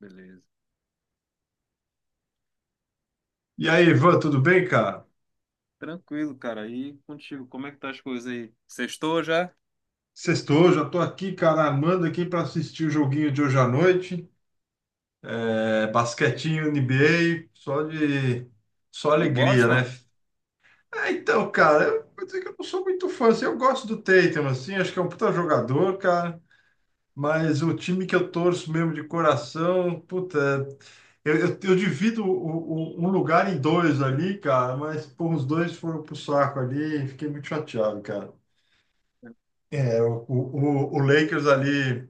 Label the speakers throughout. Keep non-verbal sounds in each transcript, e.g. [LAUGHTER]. Speaker 1: Beleza.
Speaker 2: E aí, Ivan, tudo bem, cara?
Speaker 1: Tranquilo, cara. E contigo, como é que tá as coisas aí? Sextou já?
Speaker 2: Sextou, já tô aqui, cara, amando aqui para assistir o joguinho de hoje à noite. É, basquetinho, NBA, só
Speaker 1: Do
Speaker 2: alegria, né?
Speaker 1: Boston?
Speaker 2: É, então, cara, eu vou dizer que eu não sou muito fã, assim, eu gosto do Tatum, assim, acho que é um puta jogador, cara, mas o time que eu torço mesmo de coração, puta, eu divido um lugar em dois ali, cara, mas, pô, os dois foram pro saco ali, fiquei muito chateado. É, o Lakers ali.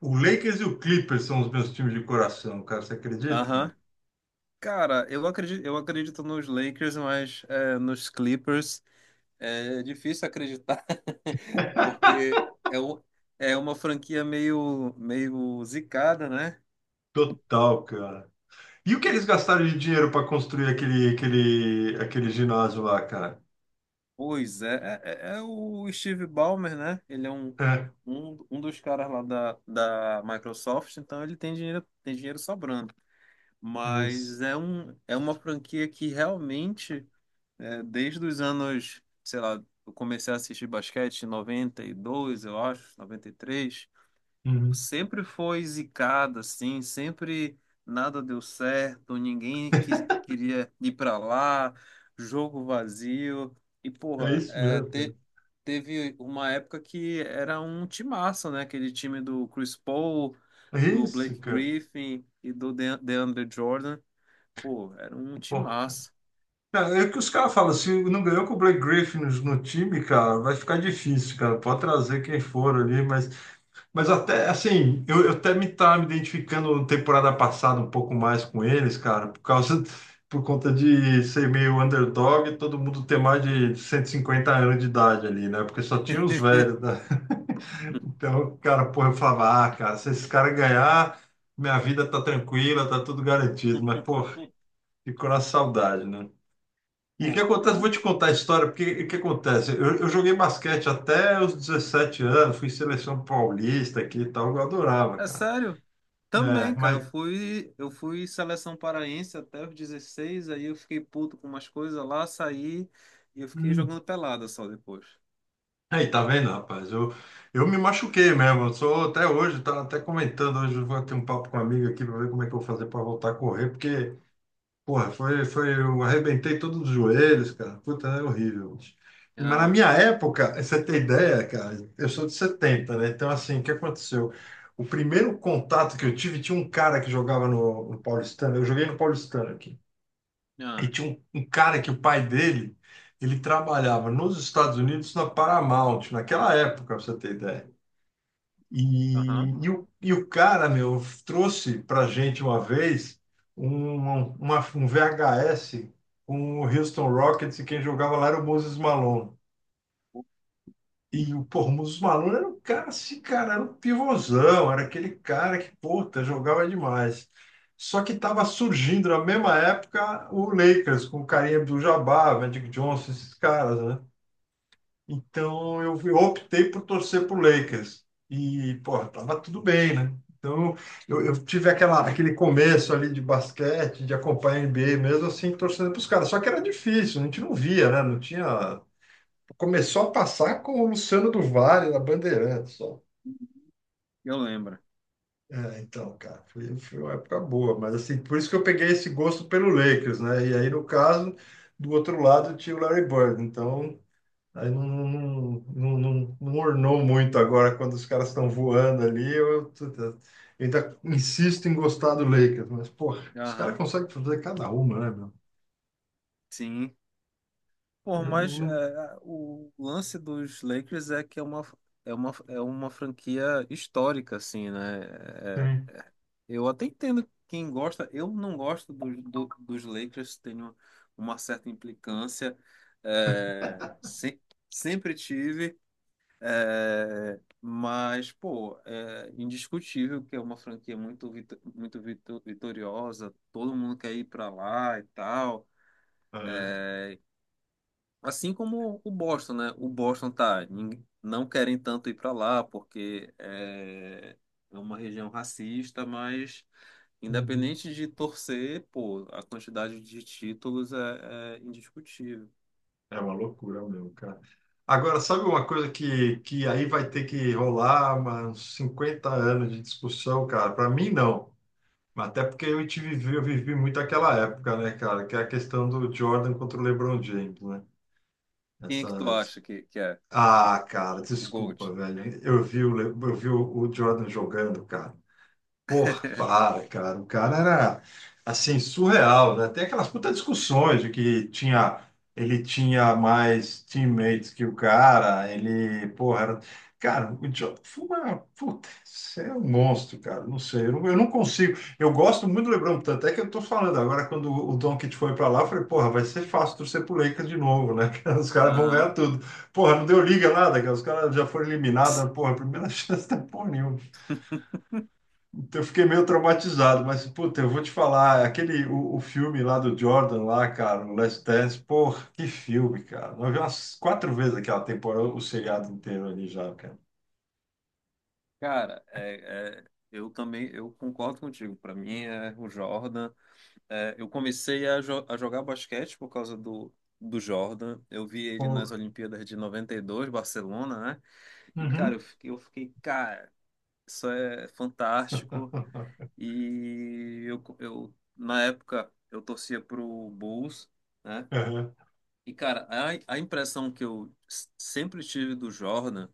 Speaker 2: O Lakers e o Clippers são os meus times de coração, cara. Você acredita, mano?
Speaker 1: Aham. Cara, eu acredito nos Lakers, mas é, nos Clippers é difícil acreditar, [LAUGHS] porque é uma franquia meio zicada, né?
Speaker 2: Total, cara. E o que eles gastaram de dinheiro para construir aquele ginásio lá, cara?
Speaker 1: Pois é, é o Steve Ballmer, né? Ele é um,
Speaker 2: É,
Speaker 1: um, um dos caras lá da Microsoft, então ele tem dinheiro sobrando.
Speaker 2: é
Speaker 1: Mas
Speaker 2: isso.
Speaker 1: é uma franquia que realmente, desde os anos, sei lá, eu comecei a assistir basquete em 92 eu acho, 93
Speaker 2: Uhum.
Speaker 1: sempre foi zicada, assim, sempre nada deu certo, ninguém quis, queria ir para lá, jogo vazio, e
Speaker 2: É
Speaker 1: porra,
Speaker 2: isso mesmo, cara.
Speaker 1: teve uma época que era um timaço, né, aquele time do Chris Paul,
Speaker 2: É
Speaker 1: do
Speaker 2: isso,
Speaker 1: Blake
Speaker 2: cara.
Speaker 1: Griffin e do DeAndre Jordan. Pô, era um time
Speaker 2: Porra, cara.
Speaker 1: massa.
Speaker 2: Cara, é o que os caras falam, se não ganhou com o Blake Griffin no time, cara, vai ficar difícil, cara. Pode trazer quem for ali. Mas até assim, eu até me estava me identificando na temporada passada um pouco mais com eles, cara, por conta de ser meio underdog e todo mundo ter mais de 150 anos de idade ali, né? Porque só tinha os velhos, né? Então, cara, porra, eu falava, ah, cara, se esses caras ganhar, minha vida tá tranquila, tá tudo garantido. Mas, pô, ficou na saudade, né? E o que
Speaker 1: Pô,
Speaker 2: acontece? Vou
Speaker 1: eu.
Speaker 2: te contar a história, porque o que acontece? Eu joguei basquete até os 17 anos, fui seleção paulista aqui e tal, eu adorava,
Speaker 1: É
Speaker 2: cara.
Speaker 1: sério?
Speaker 2: É,
Speaker 1: Também, cara. Eu
Speaker 2: mas
Speaker 1: fui, eu fui seleção paraense até os 16, aí eu fiquei puto com umas coisas lá, saí e eu fiquei
Speaker 2: hum,
Speaker 1: jogando pelada só depois.
Speaker 2: aí tá vendo, rapaz? Eu me machuquei mesmo. Eu sou até hoje, tá até comentando hoje, eu vou ter um papo com uma amiga aqui para ver como é que eu vou fazer para voltar a correr, porque, porra, eu arrebentei todos os joelhos, cara. Puta, é horrível, bicho. Mas na
Speaker 1: Ah,
Speaker 2: minha época, você tem ideia, cara, eu sou de setenta, né? Então, assim, o que aconteceu? O primeiro contato que eu tive tinha um cara que jogava no Paulistano, eu joguei no Paulistano aqui. E
Speaker 1: ah,
Speaker 2: tinha um cara que o pai dele, ele trabalhava nos Estados Unidos na Paramount, naquela época, pra você ter ideia. E,
Speaker 1: aham.
Speaker 2: e, o, e o cara, meu, trouxe pra gente uma vez um, um VHS com o Houston Rockets e quem jogava lá era o Moses Malone. E o pô, o Mussumano era um cara assim, cara, era um pivôzão, era aquele cara que, puta, jogava demais. Só que estava surgindo na mesma época o Lakers, com o Kareem Abdul-Jabbar, Magic Johnson, esses caras, né? Então eu optei por torcer pro Lakers. E, pô, tava tudo bem, né? Então eu tive aquele começo ali de basquete, de acompanhar a NBA mesmo, assim, torcendo pros caras. Só que era difícil, a gente não via, né? Não tinha. Começou a passar com o Luciano do Vale na Bandeirantes, só.
Speaker 1: Eu lembro.
Speaker 2: É, então, cara, foi uma época boa, mas assim, por isso que eu peguei esse gosto pelo Lakers, né? E aí, no caso, do outro lado tinha o Larry Bird, então aí não ornou muito agora quando os caras estão voando ali. Eu ainda insisto em gostar do Lakers, mas, porra, os caras
Speaker 1: Aham.
Speaker 2: conseguem fazer cada uma, né, meu?
Speaker 1: Sim. Pô,
Speaker 2: Eu não,
Speaker 1: mas
Speaker 2: não-.
Speaker 1: é, o lance dos Lakers é que é uma franquia histórica, assim, né?
Speaker 2: É.
Speaker 1: Eu até entendo quem gosta. Eu não gosto dos Lakers, tenho uma certa implicância. É, sempre tive. É, mas, pô, é indiscutível que é uma franquia muito vitoriosa. Todo mundo quer ir pra lá e tal. Assim como o Boston, né? O Boston tá. Não querem tanto ir pra lá porque é, é uma região racista, mas.
Speaker 2: Uhum.
Speaker 1: Independente de torcer, pô, a quantidade de títulos é indiscutível.
Speaker 2: É uma loucura mesmo, cara. Agora, sabe uma coisa que aí vai ter que rolar uns 50 anos de discussão, cara? Para mim, não. Mas até porque eu vivi muito aquela época, né, cara? Que é a questão do Jordan contra o LeBron James, né?
Speaker 1: Quem é
Speaker 2: Essa...
Speaker 1: que tu acha que é o,
Speaker 2: Ah, cara,
Speaker 1: o
Speaker 2: desculpa,
Speaker 1: GOAT?
Speaker 2: velho. Eu vi o Jordan jogando, cara. Porra, para, cara. O cara era, assim, surreal, né? Tem aquelas putas discussões de que ele tinha mais teammates que o cara, ele, porra, era... Cara, o Jordan foi uma... Puta, você é um monstro, cara. Não sei, eu não consigo. Eu gosto muito do LeBron, tanto é que eu tô falando agora, quando o Doncic foi pra lá, eu falei, porra, vai ser fácil torcer pro Lakers de novo, né? [LAUGHS] Os caras vão ganhar
Speaker 1: Aham.
Speaker 2: tudo. Porra, não deu liga nada, cara. Os caras já foram eliminados, porra, primeira [LAUGHS] chance da porra nenhuma. Eu fiquei meio traumatizado, mas, puta, eu vou te falar, o filme lá do Jordan, lá, cara, o Last Dance, porra, que filme, cara. Nós vimos umas quatro vezes aquela temporada, o seriado inteiro ali já, cara.
Speaker 1: Cara, é, é, eu também eu concordo contigo. Para mim é o Jordan. É, eu comecei a jogar basquete por causa do Jordan. Eu vi ele nas
Speaker 2: Porra.
Speaker 1: Olimpíadas de 92, Barcelona, né? E, cara, eu
Speaker 2: Uhum.
Speaker 1: fiquei, eu fiquei, cara, isso é fantástico.
Speaker 2: [LAUGHS]
Speaker 1: E eu na época, eu torcia pro Bulls, né?
Speaker 2: Aham.
Speaker 1: E, cara, a impressão que eu sempre tive do Jordan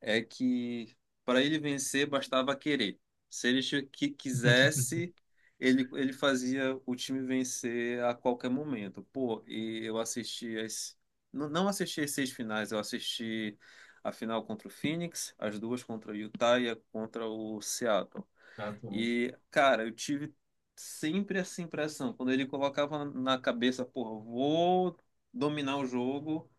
Speaker 1: é que para ele vencer bastava querer. Se ele que quisesse, ele fazia o time vencer a qualquer momento. Pô, e eu assisti as. Não assisti as seis finais, eu assisti a final contra o Phoenix, as duas contra o Utah e a contra o Seattle. E, cara, eu tive sempre essa impressão. Quando ele colocava na cabeça, porra, vou dominar o jogo,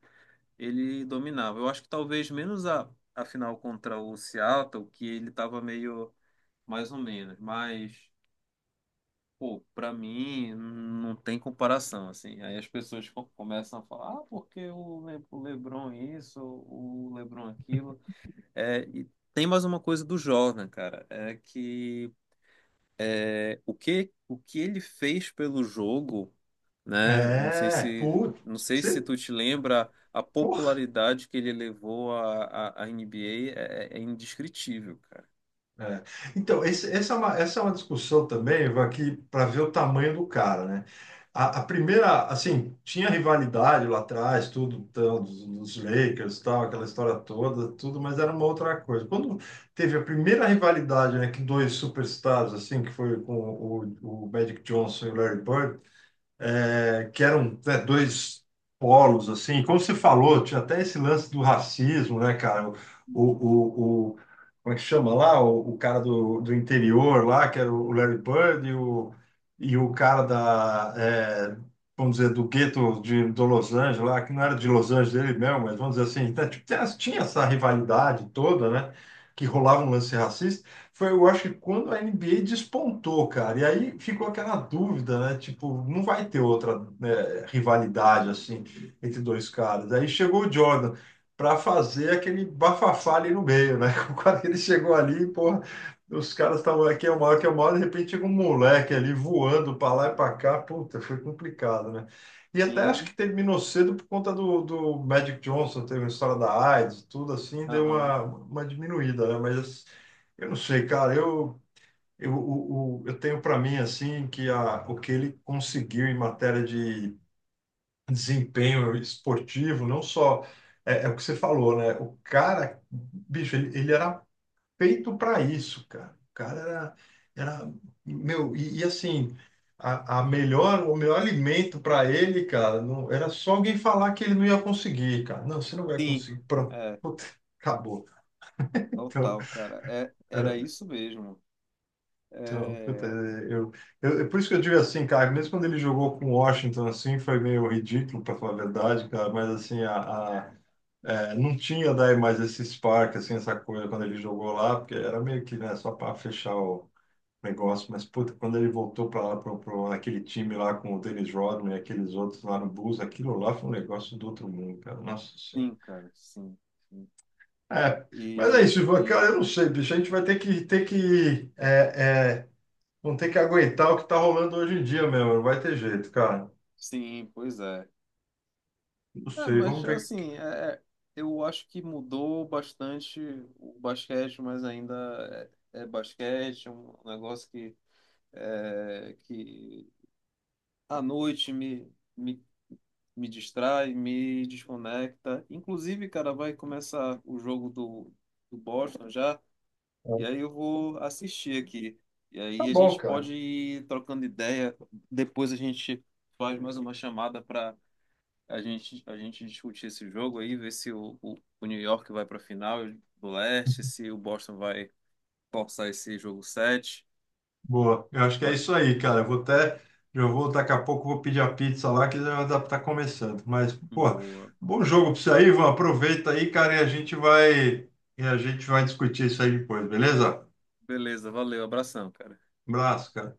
Speaker 1: ele dominava. Eu acho que talvez menos a final contra o Seattle, que ele tava meio mais ou menos. Mas, pô, pra mim não tem comparação, assim. Aí as pessoas começam a falar, ah, porque o LeBron isso, o LeBron aquilo. É, e tem mais uma coisa do Jordan, cara, é que o que ele fez pelo jogo, né? Não sei
Speaker 2: É,
Speaker 1: se,
Speaker 2: puta,
Speaker 1: não sei se
Speaker 2: você,
Speaker 1: tu te lembra a
Speaker 2: porra.
Speaker 1: popularidade que ele levou à NBA é indescritível, cara.
Speaker 2: É. Então, essa é uma discussão também, Ivan, aqui para ver o tamanho do cara, né? A primeira, assim, tinha rivalidade lá atrás, tudo, tal, dos Lakers, tal, aquela história toda, tudo, mas era uma outra coisa. Quando teve a primeira rivalidade, né, que dois superstars, assim, que foi com o Magic Johnson e o Larry Bird, é, que eram, né, dois polos, assim, como você falou, tinha até esse lance do racismo, né, cara? O, o, o- Como é que chama lá? O cara do interior lá, que era o Larry Bird, e o cara da, é, vamos dizer, do gueto do Los Angeles lá, que não era de Los Angeles dele mesmo, mas vamos dizer assim, tá, tipo, tinha essa rivalidade toda, né? Que rolava um lance racista. Foi, eu acho que quando a NBA despontou, cara, e aí ficou aquela dúvida, né? Tipo, não vai ter outra, né, rivalidade assim entre dois caras. Aí chegou o Jordan para fazer aquele bafafá ali no meio, né? [LAUGHS] Quando ele chegou ali, porra, os caras estavam aqui é o maior, que é o maior, de repente chega um moleque ali voando para lá e para cá, puta, foi complicado, né? E até acho
Speaker 1: Sim,
Speaker 2: que terminou cedo por conta do Magic Johnson, teve a história da AIDS, tudo assim, deu
Speaker 1: aham.
Speaker 2: uma diminuída, né? Mas eu não sei, cara. Eu tenho para mim assim que o que ele conseguiu em matéria de desempenho esportivo, não só é o que você falou, né? O cara, bicho, ele era feito para isso, cara. O cara era meu assim a melhor o melhor alimento para ele, cara, não era só alguém falar que ele não ia conseguir, cara. Não, você não vai
Speaker 1: Sim,
Speaker 2: conseguir. Pronto,
Speaker 1: é,
Speaker 2: [LAUGHS] acabou. Então
Speaker 1: total, cara. É, era isso mesmo.
Speaker 2: Então, puta,
Speaker 1: É,
Speaker 2: é, é por isso que eu digo assim, cara, mesmo quando ele jogou com Washington, assim, foi meio ridículo, para falar a verdade, cara, mas assim, é, não tinha daí mais esse spark, assim, essa coisa quando ele jogou lá, porque era meio que, né, só para fechar o negócio, mas, puta, quando ele voltou para lá, aquele time lá com o Dennis Rodman e aqueles outros lá no Bulls, aquilo lá foi um negócio do outro mundo, cara, nossa senhora.
Speaker 1: sim, cara, sim, sim.
Speaker 2: É, mas é
Speaker 1: E,
Speaker 2: isso, Ivan, cara,
Speaker 1: e
Speaker 2: eu não sei, bicho, a gente vai ter que, é, é, vão ter que aguentar o que tá rolando hoje em dia mesmo. Não vai ter jeito, cara.
Speaker 1: sim, pois é.
Speaker 2: Não
Speaker 1: É,
Speaker 2: sei,
Speaker 1: mas
Speaker 2: vamos ver.
Speaker 1: assim, é- eu acho que mudou bastante o basquete, mas ainda é basquete, é um negócio que, que à noite me distrai, me desconecta. Inclusive, cara, vai começar o jogo do Boston já, e aí eu vou assistir aqui. E
Speaker 2: Tá
Speaker 1: aí a
Speaker 2: bom,
Speaker 1: gente
Speaker 2: cara.
Speaker 1: pode ir trocando ideia, depois a gente faz mais uma chamada para a gente discutir esse jogo aí, ver se o New York vai para a final do leste, se o Boston vai forçar esse jogo 7.
Speaker 2: Boa. Eu acho que é
Speaker 1: Bora.
Speaker 2: isso aí, cara. Eu vou até. Já vou, daqui a pouco, vou pedir a pizza lá, que já dá pra tá começando. Mas, pô,
Speaker 1: Boa.
Speaker 2: bom jogo pra você aí, Ivan. Aproveita aí, cara, e a gente vai. E a gente vai discutir isso aí depois, beleza?
Speaker 1: Beleza, valeu, abração, cara.
Speaker 2: Um abraço, cara.